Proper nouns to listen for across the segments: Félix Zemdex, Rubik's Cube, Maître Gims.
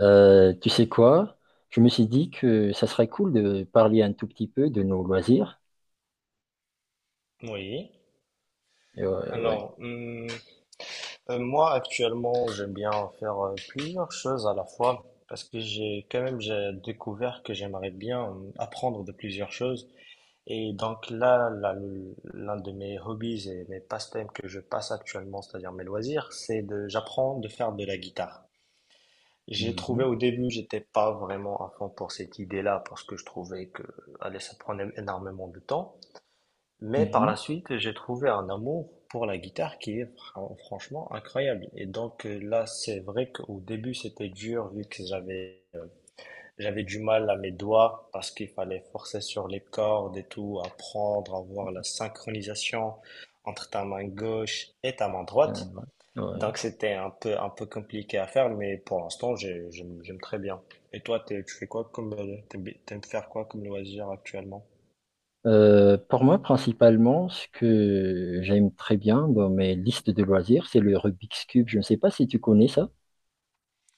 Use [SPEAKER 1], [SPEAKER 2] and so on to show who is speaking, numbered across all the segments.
[SPEAKER 1] Tu sais quoi? Je me suis dit que ça serait cool de parler un tout petit peu de nos loisirs.
[SPEAKER 2] Oui.
[SPEAKER 1] Et ouais, ouais.
[SPEAKER 2] Alors, hum, moi actuellement, j'aime bien faire plusieurs choses à la fois parce que j'ai quand même j'ai découvert que j'aimerais bien apprendre de plusieurs choses. Et donc là, l'un de mes hobbies et mes passe-temps que je passe actuellement, c'est-à-dire mes loisirs, c'est de j'apprends de faire de la guitare. J'ai trouvé
[SPEAKER 1] Mhm,
[SPEAKER 2] au début, j'étais pas vraiment à fond pour cette idée-là parce que je trouvais que allez, ça prenait énormément de temps. Mais par
[SPEAKER 1] mhm.
[SPEAKER 2] la suite, j'ai trouvé un amour pour la guitare qui est franchement incroyable. Et donc là, c'est vrai qu'au début, c'était dur vu que j'avais du mal à mes doigts parce qu'il fallait forcer sur les cordes et tout, apprendre à voir la synchronisation entre ta main gauche et ta main
[SPEAKER 1] Euh,
[SPEAKER 2] droite.
[SPEAKER 1] ouais. Ouais.
[SPEAKER 2] Donc c'était un peu compliqué à faire, mais pour l'instant, j'aime très bien. Et toi, tu fais quoi comme t'aimes faire quoi comme loisir actuellement?
[SPEAKER 1] Pour moi, principalement, ce que j'aime très bien dans mes listes de loisirs, c'est le Rubik's Cube. Je ne sais pas si tu connais ça.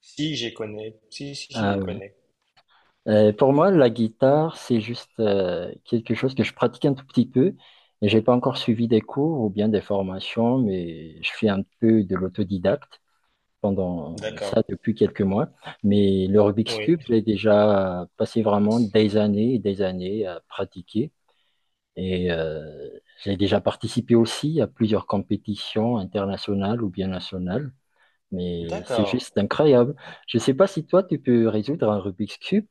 [SPEAKER 2] Si, j'ai connais. Si, si, si,
[SPEAKER 1] Ah
[SPEAKER 2] je
[SPEAKER 1] ouais.
[SPEAKER 2] connais.
[SPEAKER 1] Pour moi, la guitare, c'est juste quelque chose que je pratique un tout petit peu. Et j'ai pas encore suivi des cours ou bien des formations, mais je fais un peu de l'autodidacte pendant
[SPEAKER 2] D'accord.
[SPEAKER 1] ça depuis quelques mois. Mais le Rubik's
[SPEAKER 2] Oui.
[SPEAKER 1] Cube, j'ai déjà passé vraiment des années et des années à pratiquer. Et j'ai déjà participé aussi à plusieurs compétitions internationales ou bien nationales. Mais c'est
[SPEAKER 2] D'accord.
[SPEAKER 1] juste incroyable. Je ne sais pas si toi, tu peux résoudre un Rubik's Cube.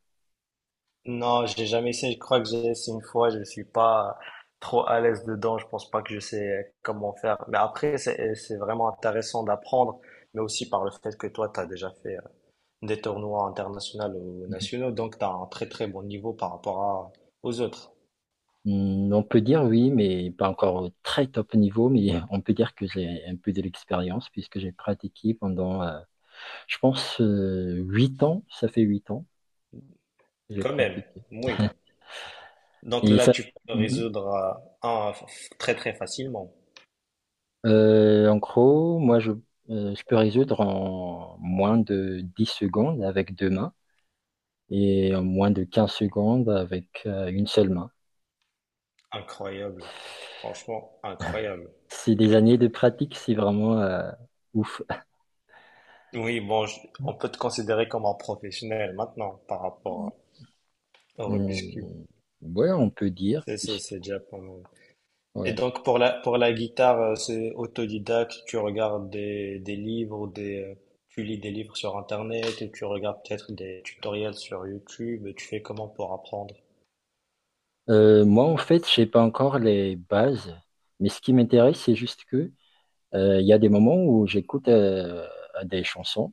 [SPEAKER 2] Non, j'ai jamais essayé. Je crois que j'ai essayé une fois. Je suis pas trop à l'aise dedans. Je pense pas que je sais comment faire. Mais après, c'est vraiment intéressant d'apprendre, mais aussi par le fait que toi, tu as déjà fait des tournois internationaux ou nationaux, donc tu as un très très bon niveau par rapport à, aux autres.
[SPEAKER 1] Hmm, on peut dire oui, mais pas encore au très top niveau, mais on peut dire que j'ai un peu de l'expérience puisque j'ai pratiqué pendant, je pense, 8 ans. Ça fait 8 ans. J'ai
[SPEAKER 2] Quand même.
[SPEAKER 1] pratiqué.
[SPEAKER 2] Oui. Donc
[SPEAKER 1] Et
[SPEAKER 2] là,
[SPEAKER 1] ça.
[SPEAKER 2] tu peux
[SPEAKER 1] Mhm.
[SPEAKER 2] résoudre très très facilement.
[SPEAKER 1] En gros, moi, je peux résoudre en moins de 10 secondes avec deux mains et en moins de 15 secondes avec une seule main.
[SPEAKER 2] Incroyable. Franchement, incroyable.
[SPEAKER 1] C'est des années de pratique, c'est vraiment ouf.
[SPEAKER 2] Oui, bon, on peut te considérer comme un professionnel maintenant par rapport au Rubik's Cube.
[SPEAKER 1] Hum, Ouais, on peut dire.
[SPEAKER 2] C'est, c'est,
[SPEAKER 1] puisque-
[SPEAKER 2] c'est déjà pas mal. Et
[SPEAKER 1] ouais.
[SPEAKER 2] donc, pour pour la guitare, c'est autodidacte, tu regardes des livres, tu lis des livres sur Internet, et tu regardes peut-être des tutoriels sur YouTube, et tu fais comment pour apprendre?
[SPEAKER 1] Moi, en fait, je sais pas encore les bases, mais ce qui m'intéresse, c'est juste que. Il y a des moments où j'écoute des chansons.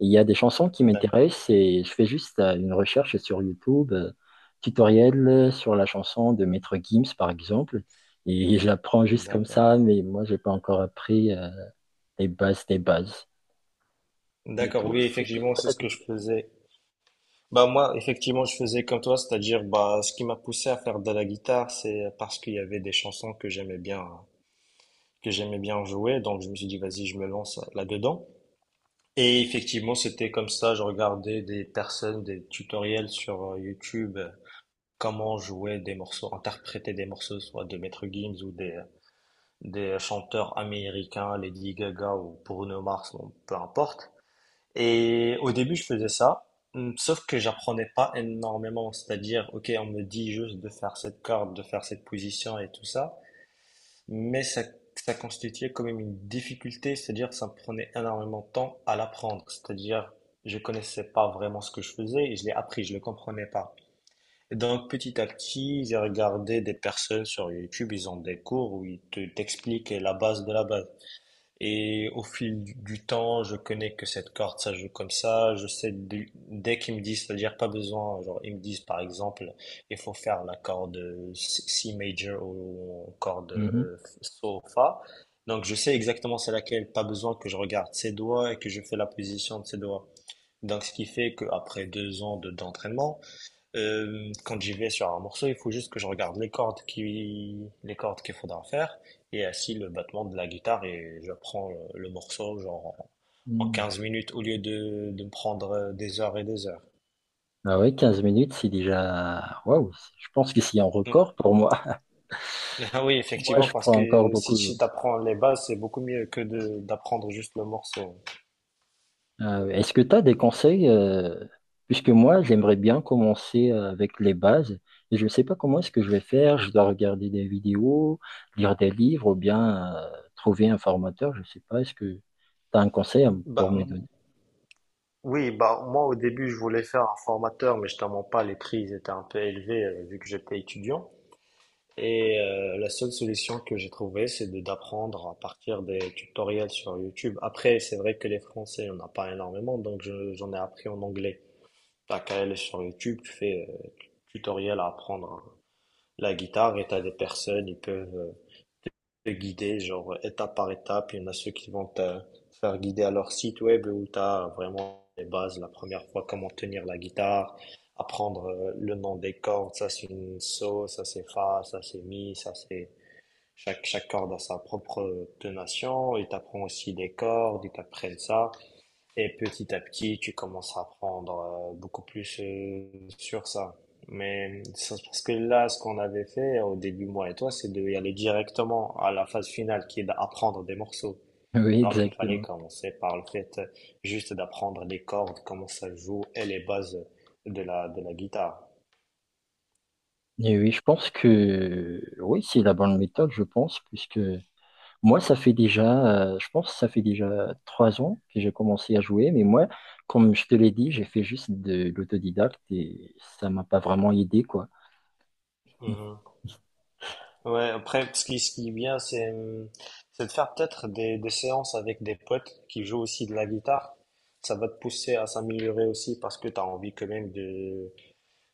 [SPEAKER 1] Il y a des chansons qui
[SPEAKER 2] D'ac-
[SPEAKER 1] m'intéressent et je fais juste une recherche sur YouTube, tutoriel sur la chanson de Maître Gims, par exemple. Et j'apprends juste comme
[SPEAKER 2] D'accord.
[SPEAKER 1] ça, mais moi, j'ai pas encore appris les bases des bases. Et
[SPEAKER 2] D'accord,
[SPEAKER 1] toi,
[SPEAKER 2] oui,
[SPEAKER 1] c'était
[SPEAKER 2] effectivement,
[SPEAKER 1] quoi
[SPEAKER 2] c'est
[SPEAKER 1] ta
[SPEAKER 2] ce que je
[SPEAKER 1] technique?
[SPEAKER 2] faisais. Bah, moi, effectivement, je faisais comme toi, c'est-à-dire, bah, ce qui m'a poussé à faire de la guitare, c'est parce qu'il y avait des chansons que j'aimais bien hein. Que j'aimais bien jouer. Donc, je me suis dit, vas-y, je me lance là-dedans. Et effectivement, c'était comme ça. Je regardais des personnes, des tutoriels sur YouTube, comment jouer des morceaux, interpréter des morceaux, soit de Maître Gims ou des chanteurs américains, Lady Gaga ou Bruno Mars, bon, peu importe. Et au début, je faisais ça. Sauf que j'apprenais pas énormément, c'est-à-dire, ok, on me dit juste de faire cette corde, de faire cette position et tout ça, mais ça ça constituait quand même une difficulté, c'est-à-dire que ça me prenait énormément de temps à l'apprendre. C'est-à-dire je connaissais pas vraiment ce que je faisais et je l'ai appris, je le comprenais pas. Et donc petit à petit, j'ai regardé des personnes sur YouTube, ils ont des cours où ils t'expliquent la base de la base. Et au fil du temps, je connais que cette corde, ça joue comme ça. Je sais, dès qu'ils me disent, c'est-à-dire pas besoin, genre ils me disent par exemple, il faut faire la corde C C major ou corde
[SPEAKER 1] Mhm.
[SPEAKER 2] So, Fa. Donc je sais exactement c'est laquelle, pas besoin que je regarde ses doigts et que je fais la position de ses doigts. Donc ce qui fait qu'après 2 ans d'entraînement, quand j'y vais sur un morceau, il faut juste que je regarde les cordes qui, les cordes qu'il faudra faire et ainsi le battement de la guitare et je prends le morceau genre en
[SPEAKER 1] Mhm.
[SPEAKER 2] 15 minutes au lieu de me prendre des heures et des heures.
[SPEAKER 1] Ah ouais, 15 minutes, c'est déjà. Waouh, je pense que c'est un
[SPEAKER 2] Non.
[SPEAKER 1] record pour moi.
[SPEAKER 2] Ah oui,
[SPEAKER 1] Moi,
[SPEAKER 2] effectivement,
[SPEAKER 1] je
[SPEAKER 2] parce
[SPEAKER 1] prends encore
[SPEAKER 2] que si
[SPEAKER 1] beaucoup.
[SPEAKER 2] tu apprends les bases, c'est beaucoup mieux que de d'apprendre juste le morceau.
[SPEAKER 1] Ah oui. Est-ce que tu as des conseils? Puisque moi, j'aimerais bien commencer avec les bases. Et je ne sais pas comment est-ce que je vais faire. Je dois regarder des vidéos, lire des livres ou bien trouver un formateur. Je ne sais pas. Est-ce que tu as un conseil à
[SPEAKER 2] Bah,
[SPEAKER 1] pour me
[SPEAKER 2] m-
[SPEAKER 1] donner?
[SPEAKER 2] oui, bah moi au début je voulais faire un formateur, mais je t'en mens pas, les prix ils étaient un peu élevés vu que j'étais étudiant. Et la seule solution que j'ai trouvée, c'est de d'apprendre à partir des tutoriels sur YouTube. Après, c'est vrai que les Français, on n'a pas énormément, donc j'en ai appris en anglais. T'as qu'à aller sur YouTube, tu fais tutoriel à apprendre la guitare et t'as des personnes, ils peuvent te guider, genre étape par étape. Il y en a ceux qui vont te faire guider à leur site web où t'as vraiment les bases, la première fois, comment tenir la guitare apprendre le nom des cordes, ça c'est une so, ça c'est fa, ça c'est mi, ça c'est chaque corde a sa propre tonation, ils t'apprennent aussi des cordes, ils t'apprennent ça. Et petit à petit, tu commences à apprendre beaucoup plus sur ça. Mais c'est parce que là, ce qu'on avait fait au début, moi et toi, c'est d'y aller directement à la phase finale qui est d'apprendre des morceaux.
[SPEAKER 1] Oui,
[SPEAKER 2] Alors qu'il fallait
[SPEAKER 1] exactement.
[SPEAKER 2] commencer par le fait juste d'apprendre les cordes, comment ça joue et les bases de de la guitare.
[SPEAKER 1] Et oui, je pense que oui, c'est la bonne méthode, je pense, puisque moi, ça fait déjà, je pense que ça fait déjà 3 ans que j'ai commencé à jouer, mais moi, comme je te l'ai dit, j'ai fait juste de l'autodidacte et ça m'a pas vraiment aidé, quoi.
[SPEAKER 2] Mhm. Ouais, après, ce qui est bien, c'est de faire peut-être des séances avec des potes qui jouent aussi de la guitare. Ça va te pousser à s'améliorer aussi parce que tu as envie quand même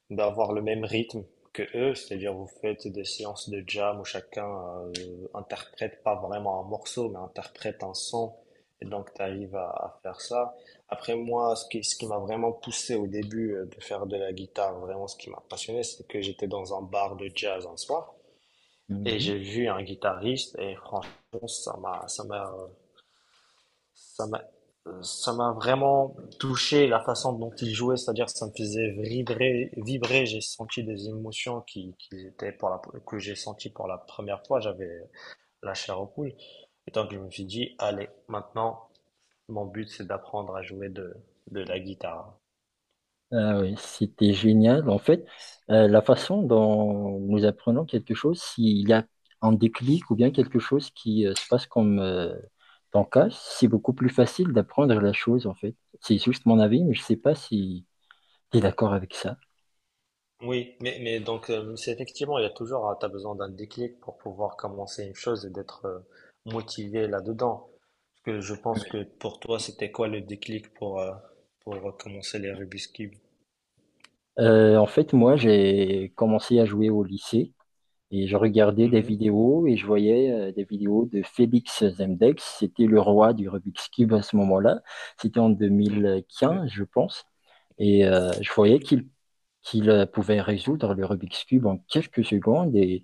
[SPEAKER 2] d'avoir le même rythme que eux. C'est-à-dire, vous faites des séances de jam où chacun euh, interprète pas vraiment un morceau, mais interprète un son. Et donc, tu arrives à faire ça. Après, moi, ce qui m'a vraiment poussé au début de faire de la guitare, vraiment ce qui m'a passionné, c'est que j'étais dans un bar de jazz un soir. Et
[SPEAKER 1] Mhm.
[SPEAKER 2] j'ai vu un guitariste et franchement, ça m'a, ça m'a vraiment touché la façon dont il jouait, c'est-à-dire que ça me faisait vibrer. J'ai senti des émotions qui étaient pour que j'ai senti pour la première fois. J'avais la chair aux poules. Et donc je me suis dit, allez, maintenant, mon but c'est d'apprendre à jouer de la guitare.
[SPEAKER 1] Ah oui, c'était génial. En fait, la façon dont nous apprenons quelque chose, s'il y a un déclic ou bien quelque chose qui se passe comme ton cas, c'est beaucoup plus facile d'apprendre la chose, en fait. C'est juste mon avis, mais je sais pas si tu es d'accord avec ça.
[SPEAKER 2] Oui, mais donc c'est effectivement, il y a toujours, tu as besoin d'un déclic pour pouvoir commencer une chose et d'être motivé là-dedans. Parce que je pense que pour toi, c'était quoi le déclic pour commencer les Rubik's Cube?
[SPEAKER 1] En fait, moi, j'ai commencé à jouer au lycée et je regardais des
[SPEAKER 2] Mhm.
[SPEAKER 1] vidéos et je voyais des vidéos de Félix Zemdex. C'était le roi du Rubik's Cube à ce moment-là. C'était en
[SPEAKER 2] Ok.
[SPEAKER 1] 2015, je pense. Et je voyais qu'il qu'il pouvait résoudre le Rubik's Cube en quelques secondes. Et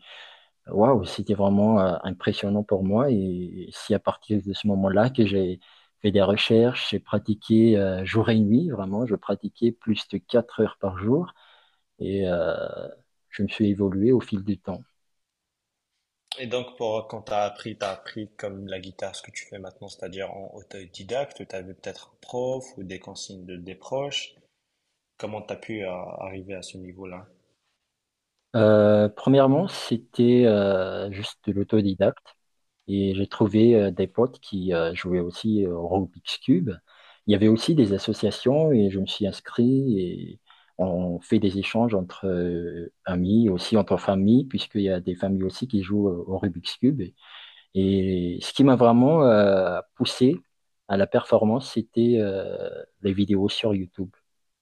[SPEAKER 1] waouh, c'était vraiment impressionnant pour moi. Et c'est à partir de ce moment-là que j'ai fait des recherches, j'ai pratiqué jour et nuit, vraiment. Je pratiquais plus de 4 heures par jour et je me suis évolué au fil du temps.
[SPEAKER 2] Et donc pour quand tu as appris comme la guitare, ce que tu fais maintenant, c'est-à-dire en autodidacte, tu avais peut-être un prof ou des consignes de des proches. Comment tu as pu arriver à ce niveau-là?
[SPEAKER 1] Premièrement, c'était juste de l'autodidacte et j'ai trouvé des potes qui jouaient aussi au Rubik's Cube. Il y avait aussi des associations et je me suis inscrit et on fait des échanges entre amis, aussi entre familles, puisqu'il y a des familles aussi qui jouent au Rubik's Cube. Et ce qui m'a vraiment poussé à la performance, c'était les vidéos sur YouTube.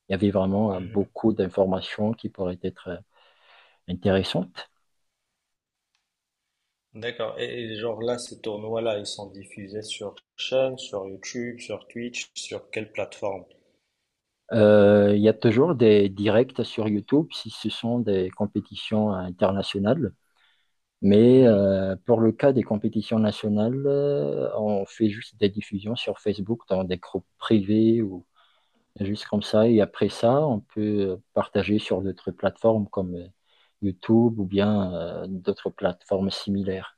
[SPEAKER 1] Il y avait vraiment beaucoup d'informations qui pourraient être intéressantes.
[SPEAKER 2] D'accord. Et genre là, ces tournois-là, ils sont diffusés sur chaîne, sur YouTube, sur Twitch, sur quelle plateforme?
[SPEAKER 1] Il y a toujours des directs sur YouTube si ce sont des compétitions internationales. Mais
[SPEAKER 2] Mhm.
[SPEAKER 1] pour le cas des compétitions nationales, on fait juste des diffusions sur Facebook dans des groupes privés ou. Juste comme ça. Et après ça, on peut partager sur d'autres plateformes comme YouTube ou bien d'autres plateformes similaires.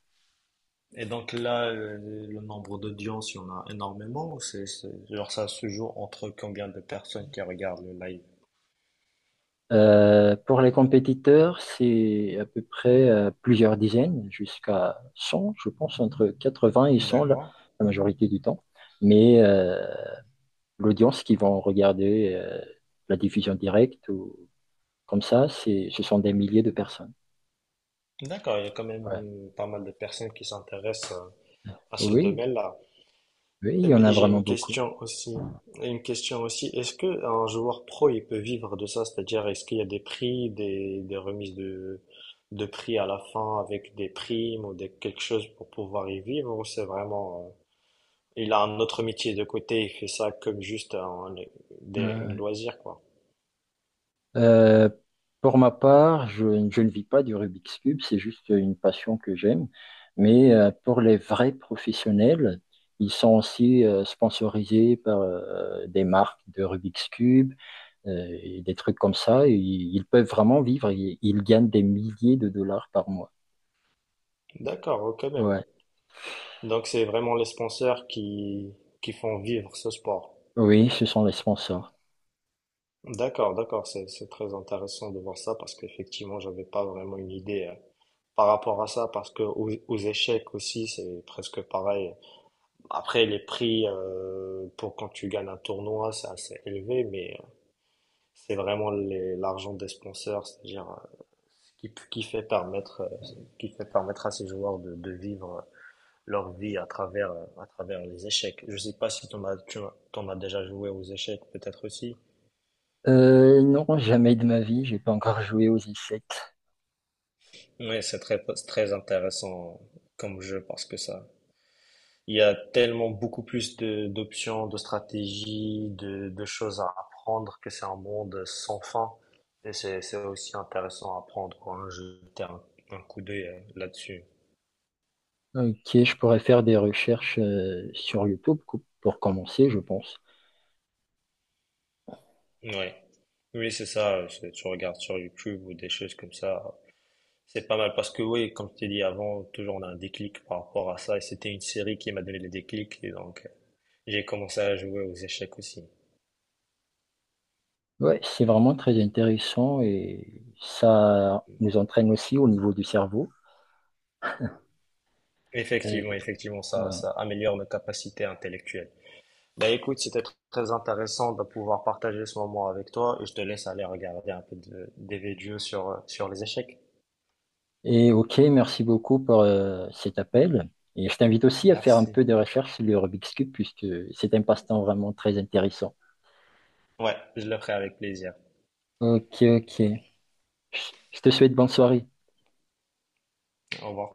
[SPEAKER 2] Et donc là, le nombre d'audience, il y en a énormément. Ou genre ça se joue entre combien de personnes qui regardent le live?
[SPEAKER 1] Pour les compétiteurs, c'est à peu près plusieurs dizaines, jusqu'à 100 je pense, entre 80 et 100 la,
[SPEAKER 2] D'accord.
[SPEAKER 1] la majorité du temps. Mais l'audience qui vont regarder la diffusion directe ou comme ça, ce sont des milliers de personnes.
[SPEAKER 2] D'accord, il y a quand même
[SPEAKER 1] Ouais.
[SPEAKER 2] pas mal de personnes qui s'intéressent à ce
[SPEAKER 1] Oui,
[SPEAKER 2] domaine-là.
[SPEAKER 1] oui, il y en a
[SPEAKER 2] Et j'ai
[SPEAKER 1] vraiment
[SPEAKER 2] une
[SPEAKER 1] beaucoup.
[SPEAKER 2] question aussi. Une question aussi. Est-ce que un joueur pro, il peut vivre de ça? C'est-à-dire, est-ce qu'il y a des prix, des remises de prix à la fin avec des primes ou quelque chose pour pouvoir y vivre? Ou c'est vraiment, il a un autre métier de côté, il fait ça comme juste un, une
[SPEAKER 1] Euh,
[SPEAKER 2] loisir, quoi.
[SPEAKER 1] Euh, pour ma part, je ne vis pas du Rubik's Cube, c'est juste une passion que j'aime. Mais pour les vrais professionnels, ils sont aussi sponsorisés par des marques de Rubik's Cube et des trucs comme ça. Et ils peuvent vraiment vivre, ils gagnent des milliers de dollars par mois.
[SPEAKER 2] D'accord, quand même.
[SPEAKER 1] Ouais.
[SPEAKER 2] Donc, c'est vraiment les sponsors qui font vivre ce sport.
[SPEAKER 1] Oui, ce sont les sponsors.
[SPEAKER 2] D'accord, d'accord, c'est très intéressant de voir ça parce qu'effectivement, j'avais pas vraiment une idée. Par rapport à ça parce que aux échecs aussi c'est presque pareil. Après les prix pour quand tu gagnes un tournoi c'est assez élevé mais c'est vraiment l'argent des sponsors c'est-à-dire qui fait permettre à ces joueurs de vivre leur vie à travers les échecs. Je sais pas si t'en as tu t'en as déjà joué aux échecs peut-être aussi.
[SPEAKER 1] Non, jamais de ma vie, j'ai pas encore joué aux échecs.
[SPEAKER 2] Mais c'est très très intéressant comme jeu parce que ça il y a tellement beaucoup plus de d'options, de stratégies, de choses à apprendre que c'est un monde sans fin. Et c'est aussi intéressant à apprendre, quoi. Hein. Jeter un coup d'œil là-dessus.
[SPEAKER 1] Ok, je pourrais faire des recherches sur YouTube pour commencer, je pense.
[SPEAKER 2] Ouais. Oui, c'est ça. Tu regardes sur YouTube ou des choses comme ça. C'est pas mal parce que oui, comme je t'ai dit avant, toujours on a un déclic par rapport à ça. Et c'était une série qui m'a donné le déclic. Et donc, j'ai commencé à jouer aux échecs aussi.
[SPEAKER 1] Ouais, c'est vraiment très intéressant et ça nous entraîne aussi au niveau du cerveau. Euh,
[SPEAKER 2] Effectivement, effectivement,
[SPEAKER 1] ouais.
[SPEAKER 2] ça améliore nos capacités intellectuelles. Bah écoute, c'était très intéressant de pouvoir partager ce moment avec toi et je te laisse aller regarder un peu des vidéos sur, sur les échecs.
[SPEAKER 1] Et ok, merci beaucoup pour cet appel. Et je t'invite aussi à faire un
[SPEAKER 2] Merci.
[SPEAKER 1] peu de recherche sur le Rubik's Cube puisque c'est un passe-temps vraiment très intéressant.
[SPEAKER 2] Ouais, je le ferai avec plaisir.
[SPEAKER 1] Ok, ok. Je je te souhaite bonne soirée.
[SPEAKER 2] Au revoir.